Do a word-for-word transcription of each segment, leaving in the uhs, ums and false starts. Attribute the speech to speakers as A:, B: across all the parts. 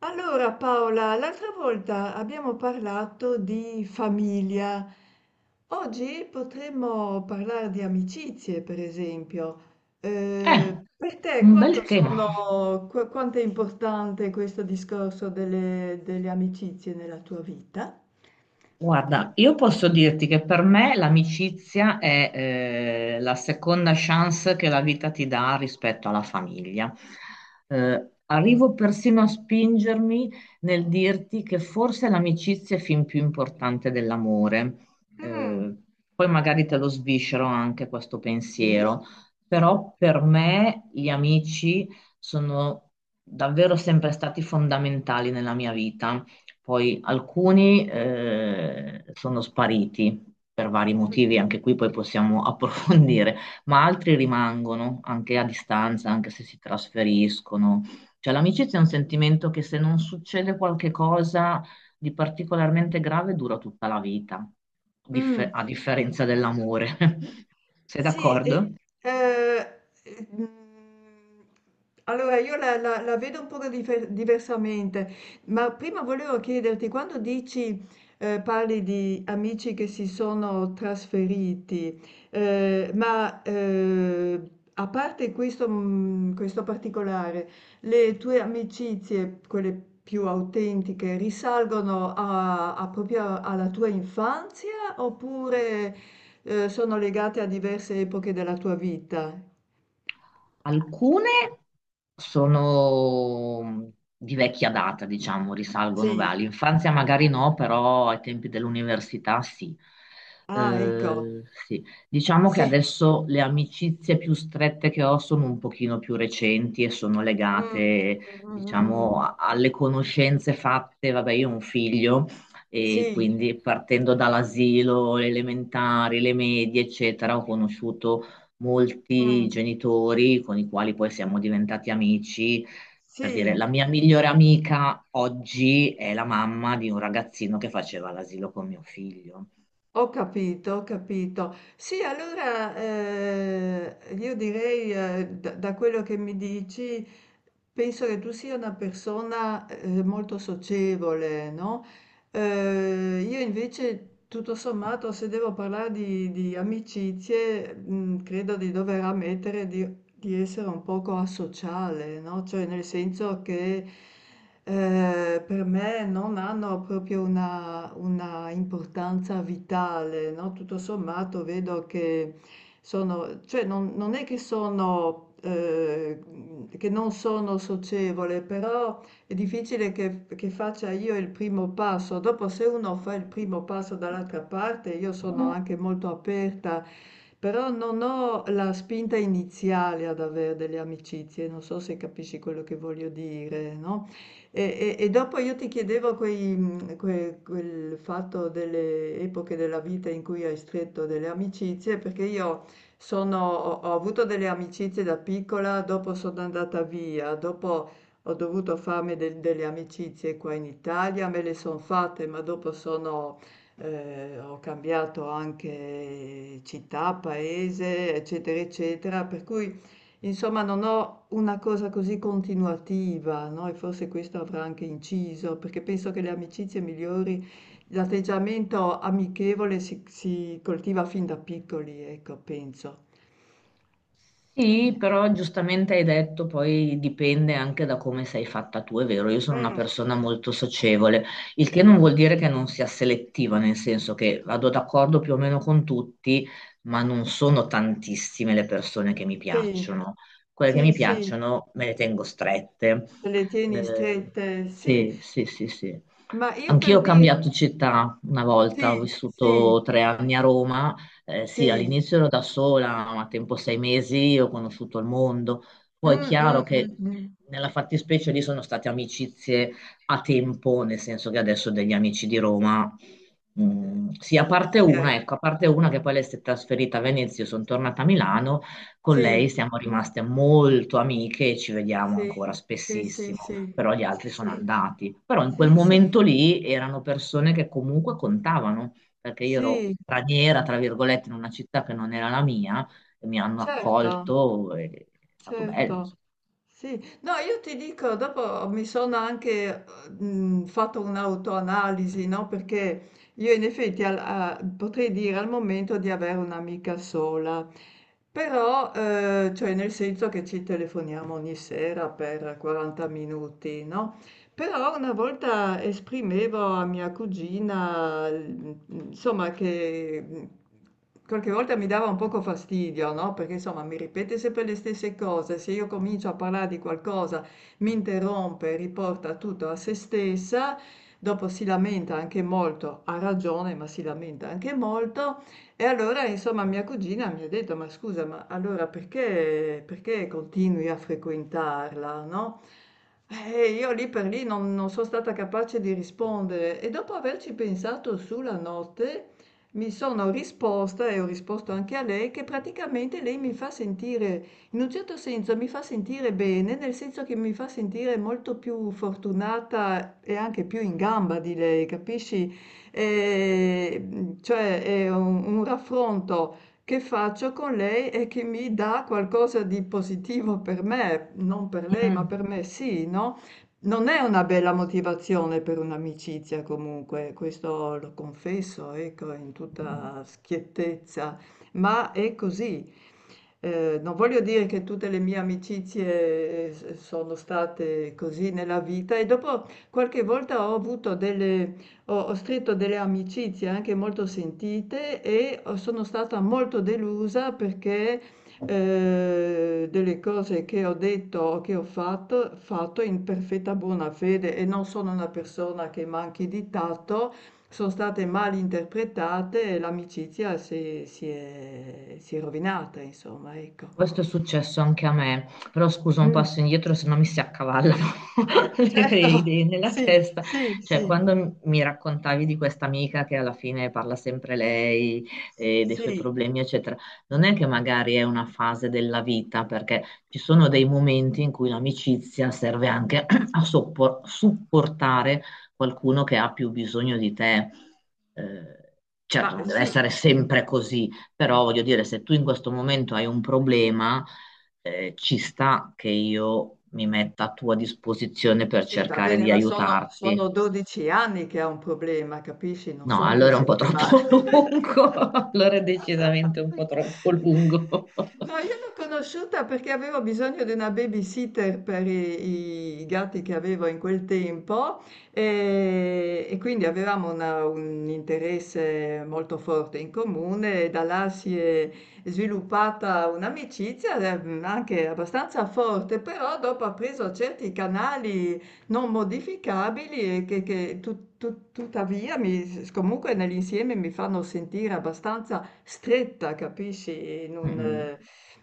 A: Allora Paola, l'altra volta abbiamo parlato di famiglia. Oggi potremmo parlare di amicizie, per esempio.
B: Eh,
A: Eh, per te
B: un bel
A: quanto
B: tema.
A: sono, qu- quanto è importante questo discorso delle, delle amicizie nella tua vita?
B: Guarda, io posso dirti che per me l'amicizia è eh, la seconda chance che la vita ti dà rispetto alla famiglia. Eh, arrivo persino a spingermi nel dirti che forse l'amicizia è fin più importante dell'amore.
A: Mm.
B: Eh, Poi magari te lo sviscero anche questo
A: Sì.
B: pensiero, però per me gli amici sono davvero sempre stati fondamentali nella mia vita. Poi alcuni eh, sono spariti per vari
A: Mm.
B: motivi, anche qui poi possiamo approfondire, ma altri rimangono anche a distanza, anche se si trasferiscono. Cioè l'amicizia è un sentimento che se non succede qualche cosa di particolarmente grave dura tutta la vita, differ-
A: Mm.
B: a differenza dell'amore. Sei
A: Sì, e,
B: d'accordo?
A: eh, eh, mm, allora io la, la- la vedo un po' difer- diversamente, ma prima volevo chiederti, quando dici, eh, parli di amici che si sono trasferiti, eh, ma eh, a parte questo, mm, questo particolare, le tue amicizie, quelle più autentiche, risalgono a a proprio alla tua infanzia oppure, ehm, sono legate a diverse epoche della tua vita?
B: Alcune sono di vecchia data, diciamo, risalgono beh,
A: Sì,
B: all'infanzia, magari no, però ai tempi dell'università sì.
A: ah ecco,
B: Eh, sì. Diciamo che
A: sì.
B: adesso le amicizie più strette che ho sono un pochino più recenti e sono
A: Mh.
B: legate,
A: Mh, mh, mh,
B: diciamo,
A: mh.
B: a- alle conoscenze fatte. Vabbè, io ho un figlio e
A: Sì,
B: quindi partendo dall'asilo, le elementari, le medie, eccetera, ho conosciuto
A: mh.
B: molti genitori con i quali poi siamo diventati amici, per dire,
A: Sì.
B: la mia migliore amica oggi è la mamma di un ragazzino che faceva l'asilo con mio figlio.
A: Ho capito, ho capito. Sì, allora eh, io direi, eh, da, da quello che mi dici, penso che tu sia una persona eh, molto socievole, no? Eh, io invece, tutto sommato, se devo parlare di, di amicizie, mh, credo di dover ammettere di, di essere un poco asociale, no? Cioè, nel senso che Ehm, per me non hanno proprio una una importanza vitale, no, tutto sommato vedo che sono cioè non non è che sono ehm, mhmm, che non sono socievole, però è difficile che che faccia io il primo passo. Dopo se uno fa il primo passo dall'altra parte, io sono anche molto aperta, però non ho la spinta iniziale ad aver delle amicizie, non so se capisci quello che voglio dire, no? E, e- e dopo io ti chiedevo quei, mh, que- quel fatto delle epoche della vita in cui hai stretto delle amicizie, perché io sono- ho, ho avuto delle amicizie da piccola, dopo sono andata via, dopo ho dovuto farmi del- delle amicizie qua in Italia, me le sono fatte, ma dopo sono, eh, ho cambiato anche città, paese, eccetera, eccetera, per cui... Insomma, non ho una cosa così continuativa, no? E forse questo avrà anche inciso, perché penso che le amicizie migliori, l'atteggiamento amichevole si, si coltiva fin da piccoli, ecco, penso.
B: Sì, però giustamente hai detto, poi dipende anche da come sei fatta tu, è vero, io sono una
A: Mm.
B: persona molto socievole, il che non vuol dire che non sia selettiva, nel senso che vado d'accordo più o meno con tutti, ma non sono tantissime le persone che mi
A: Sì,
B: piacciono. Quelle che
A: sì,
B: mi
A: sì,
B: piacciono me le tengo strette.
A: te le tieni
B: Eh,
A: strette, sì.
B: sì, sì, sì, sì.
A: Ma io
B: Anch'io
A: per
B: ho
A: dire,
B: cambiato città una volta,
A: sì,
B: ho
A: sì,
B: vissuto tre anni a Roma, eh, sì,
A: sì,
B: all'inizio ero da sola, ma a tempo sei mesi ho conosciuto il mondo.
A: mm,
B: Poi è chiaro
A: mm,
B: che
A: mm, mm.
B: nella fattispecie lì sono state amicizie a tempo, nel senso che adesso ho degli amici di Roma. Mm, sì, a
A: Eh,
B: parte
A: sì,
B: una, ecco, a parte una che poi lei si è trasferita a Venezia, io sono tornata a Milano, con
A: eh,
B: lei siamo rimaste molto amiche e ci vediamo
A: sì,
B: ancora
A: sì, sì,
B: spessissimo,
A: sì,
B: però gli
A: sì, sì,
B: altri sono
A: sì.
B: andati. Però in
A: Sì,
B: quel
A: sì,
B: momento lì erano persone che comunque contavano perché io ero
A: sì,
B: straniera, tra virgolette, in una città che non era la mia, e mi hanno
A: certo,
B: accolto, e è stato bello,
A: certo.
B: insomma.
A: Sì. No, io ti dico, dopo mi sono anche eh, mh, fatto un'autoanalisi, no? Perché io in effetti al- a- potrei dire al momento di avere un'amica sola. Però, ehm, cioè nel senso che ci telefoniamo ogni sera per quaranta minuti, no, però una volta esprimevo a mia cugina, mhmm, insomma che, mhmm, qualche volta mi dava un poco fastidio, no, perché insomma mi ripete sempre le stesse cose, se io comincio a parlare di qualcosa mi interrompe, riporta tutto a se stessa, dopo si lamenta anche molto, ha ragione, ma si lamenta anche molto e allora, insomma, mia cugina mi ha detto: "Ma scusa, ma allora perché perché continui a frequentarla, no?" Eh, io lì per lì non non so' stata capace di rispondere e dopo averci pensato su la notte, mi sono risposta e ho risposto anche a lei, che praticamente lei mi fa sentire in un certo senso mi fa sentire bene, nel senso che mi fa sentire molto più fortunata e anche più in gamba di lei, capisci? Ehm, cioè è un un raffronto che faccio con lei e che mi dà qualcosa di positivo per me, non per lei, ma
B: Mm.
A: per me sì, no? Non è una bella motivazione per un'amicizia comunque, questo lo confesso, ecco, in tutta schiettezza, ma è così. Eh, non voglio dire che tutte le mie amicizie eh, sono state così nella vita e dopo qualche volta ho avuto delle ho ho stretto delle amicizie anche molto sentite e ho sono stata molto delusa perché, ehm, delle cose che ho detto o che ho fatto fatto in perfetta buona fede e non sono una persona che manchi di tatto, son state mal interpretate e l'amicizia si si è si è rovinata insomma, ecco.
B: Questo è successo anche a me, però scusa un
A: Mh,
B: passo indietro se no mi si accavallano le, le
A: certo,
B: idee nella
A: sì,
B: testa.
A: sì,
B: Cioè,
A: sì,
B: quando m- mi raccontavi di questa amica che alla fine parla sempre lei e dei suoi
A: sì,
B: problemi, eccetera, non è che magari è una fase della vita, perché ci sono dei momenti in cui l'amicizia serve anche a soppor- supportare qualcuno che ha più bisogno di te. Eh,
A: ma
B: certo,
A: eh,
B: non deve
A: sì.
B: essere sempre così, però voglio dire, se tu in questo momento hai un problema, eh, ci sta che io mi metta a tua disposizione per
A: Sì, va
B: cercare
A: bene,
B: di
A: ma sono, sono
B: aiutarti.
A: dodici anni che ha un problema, capisci? Non
B: No,
A: sono tre
B: allora è un po'
A: settimane.
B: troppo lungo, allora è decisamente un po' troppo lungo.
A: No, io l'ho conosciuta perché avevo bisogno di una babysitter per i, i gatti che avevo in quel tempo e, e quindi avevamo una- un interesse molto forte in comune e da là si è sviluppata un'amicizia eh, anche abbastanza forte, però dopo ha preso certi canali non modificabili e che, che tut- tut- tuttavia mi- comunque nell'insieme mi fanno sentire abbastanza stretta, capisci? In un,
B: Mm.
A: eh,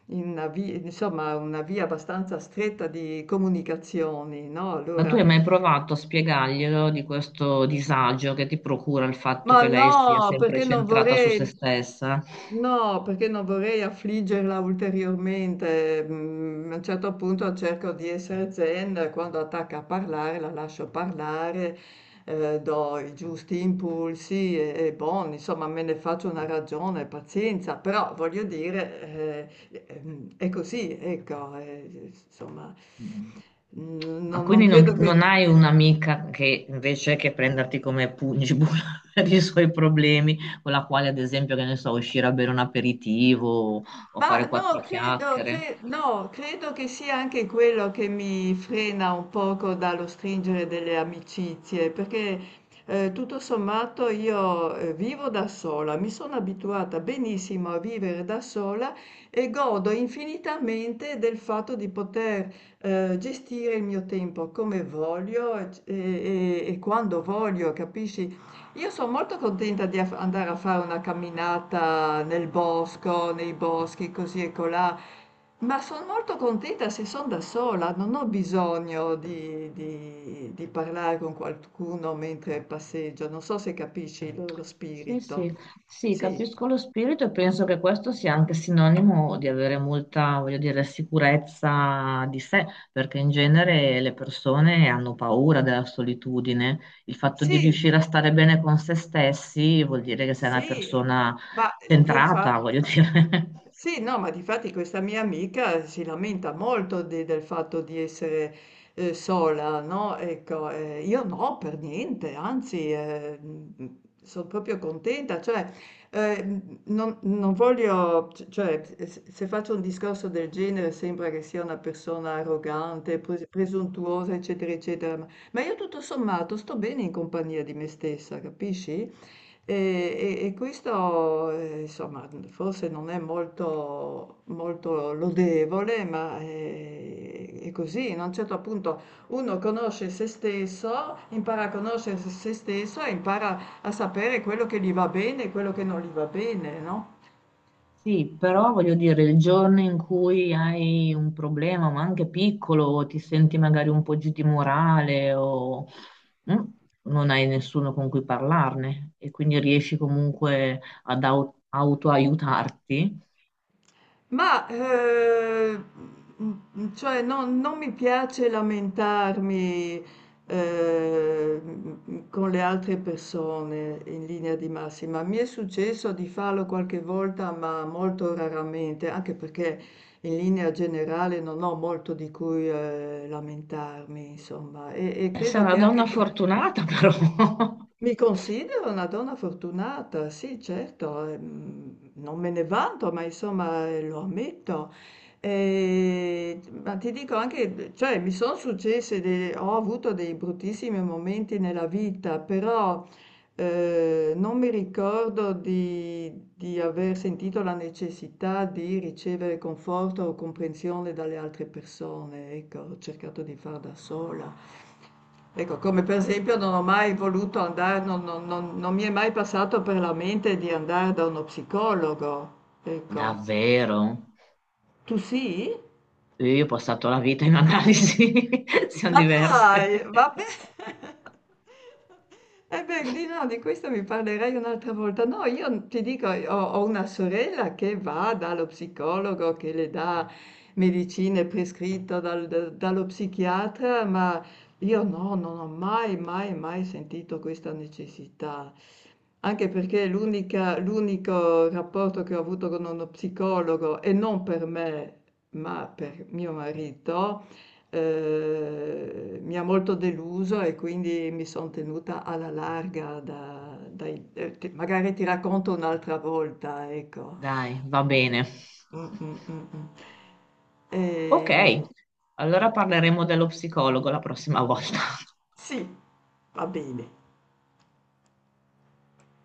A: in una vi insomma una via abbastanza stretta di comunicazioni, no,
B: Ma tu
A: allora.
B: hai mai provato a spiegarglielo di questo disagio che ti procura il fatto
A: Ma
B: che lei sia
A: no,
B: sempre
A: perché non
B: centrata su se
A: vorrei
B: stessa?
A: no, perché non vorrei affliggerla ulteriormente. Mm. A un certo punto cerco di essere zen, quando attacca a parlare la lascio parlare, eh, do i giusti impulsi e, e buon, insomma, me ne faccio una ragione, pazienza, però voglio dire, eh, ehm, è così, ecco, eh, insomma,
B: Mm.
A: mm, non
B: Ma
A: non
B: quindi
A: credo
B: non,
A: che...
B: non hai un'amica che invece che prenderti come pugnabulla per i suoi problemi, con la quale ad esempio, che ne so, uscire a bere un aperitivo o
A: Ma
B: fare quattro
A: no, credo,
B: chiacchiere?
A: cre- no, credo che sia anche quello che mi frena un poco dallo stringere delle amicizie, perché eh, tutto sommato io eh, vivo da sola, mi sono abituata benissimo a vivere da sola e godo infinitamente del fatto di poter eh, gestire il mio tempo come voglio eh, e, e- e quando voglio, capisci? Io sono molto contenta di af- andare a fare una camminata nel bosco, nei boschi, così e colà, ma sono molto contenta se sono da sola, non ho bisogno di, di- di parlare con qualcuno mentre passeggio, non so se capisci lo, lo
B: Sì,
A: spirito.
B: sì, sì,
A: Sì,
B: capisco lo spirito e penso che questo sia anche sinonimo di avere molta, voglio dire, sicurezza di sé, perché in genere le persone hanno paura della solitudine. Il fatto di
A: sì,
B: riuscire a stare bene con se stessi vuol dire che sei una
A: sì,
B: persona
A: ma di fa-
B: centrata, voglio dire.
A: sì, no, ma difatti questa mia amica si lamenta molto de- del fatto di essere eh, sola, no? Ecco, eh, io no, per niente, anzi, sono proprio contenta, cioè, eh, m- non, non voglio, c- cioè, se se faccio un discorso del genere sembra che sia una persona arrogante, pres- presuntuosa, eccetera, eccetera, ma ma io tutto sommato sto bene in compagnia di me stessa, capisci? E, e- e questo, eh, insomma, forse non è molto, molto lodevole, ma eh, è, così. A un certo punto uno conosce se stesso, impara a conoscere se stesso e impara a sapere quello che gli va bene e quello che non gli va bene, no?
B: Sì, però voglio dire, il giorno in cui hai un problema, ma anche piccolo, o ti senti magari un po' giù di morale o mm, non hai nessuno con cui parlarne e quindi riesci comunque ad au- autoaiutarti,
A: Ma, ehm, mhmm, cioè non non mi piace lamentarmi, ehm, con le altre persone in linea di massima. Mi è successo di farlo qualche volta, ma molto raramente, anche perché in linea generale non ho molto di cui, ehm, lamentarmi, insomma. E e
B: eh, sei
A: credo
B: una
A: che anche
B: donna fortunata però.
A: mi considero una donna fortunata, sì, certo, ehm, non me ne vanto, ma insomma eh, lo ammetto. E- ma ti dico anche, cioè, mi sono successe, de- ho avuto dei bruttissimi momenti nella vita, però eh, non mi ricordo di, di aver sentito la necessità di ricevere conforto o comprensione dalle altre persone, ecco, ho cercato di far da sola. Ecco, come per esempio non ho mai voluto andare, non, non- non- non mi è mai passato per la mente di andare da uno psicologo. Ecco,
B: Davvero?
A: tu sì?
B: Io ho passato la vita in analisi, siamo
A: Ma
B: diverse.
A: dai, vabbè. Eh beh, di no, di questo mi parlerai un'altra volta. No, io ti dico, ho, ho una sorella che va dallo psicologo che le dà medicine prescritte dal- da- dallo psichiatra, ma io no, non ho mai, mai, mai sentito questa necessità. Anche perché l'unica- l'unico rapporto che ho avuto con uno psicologo, e non per me, ma per mio marito, Ehm, mi ha molto deluso e quindi mi son tenuta alla larga da dai ehm, t magari ti racconto un'altra volta, ecco.
B: Dai, va bene.
A: Mh, mh, mh, mh.
B: Ok,
A: Ehm,
B: allora parleremo dello psicologo la prossima volta.
A: sì, va bene.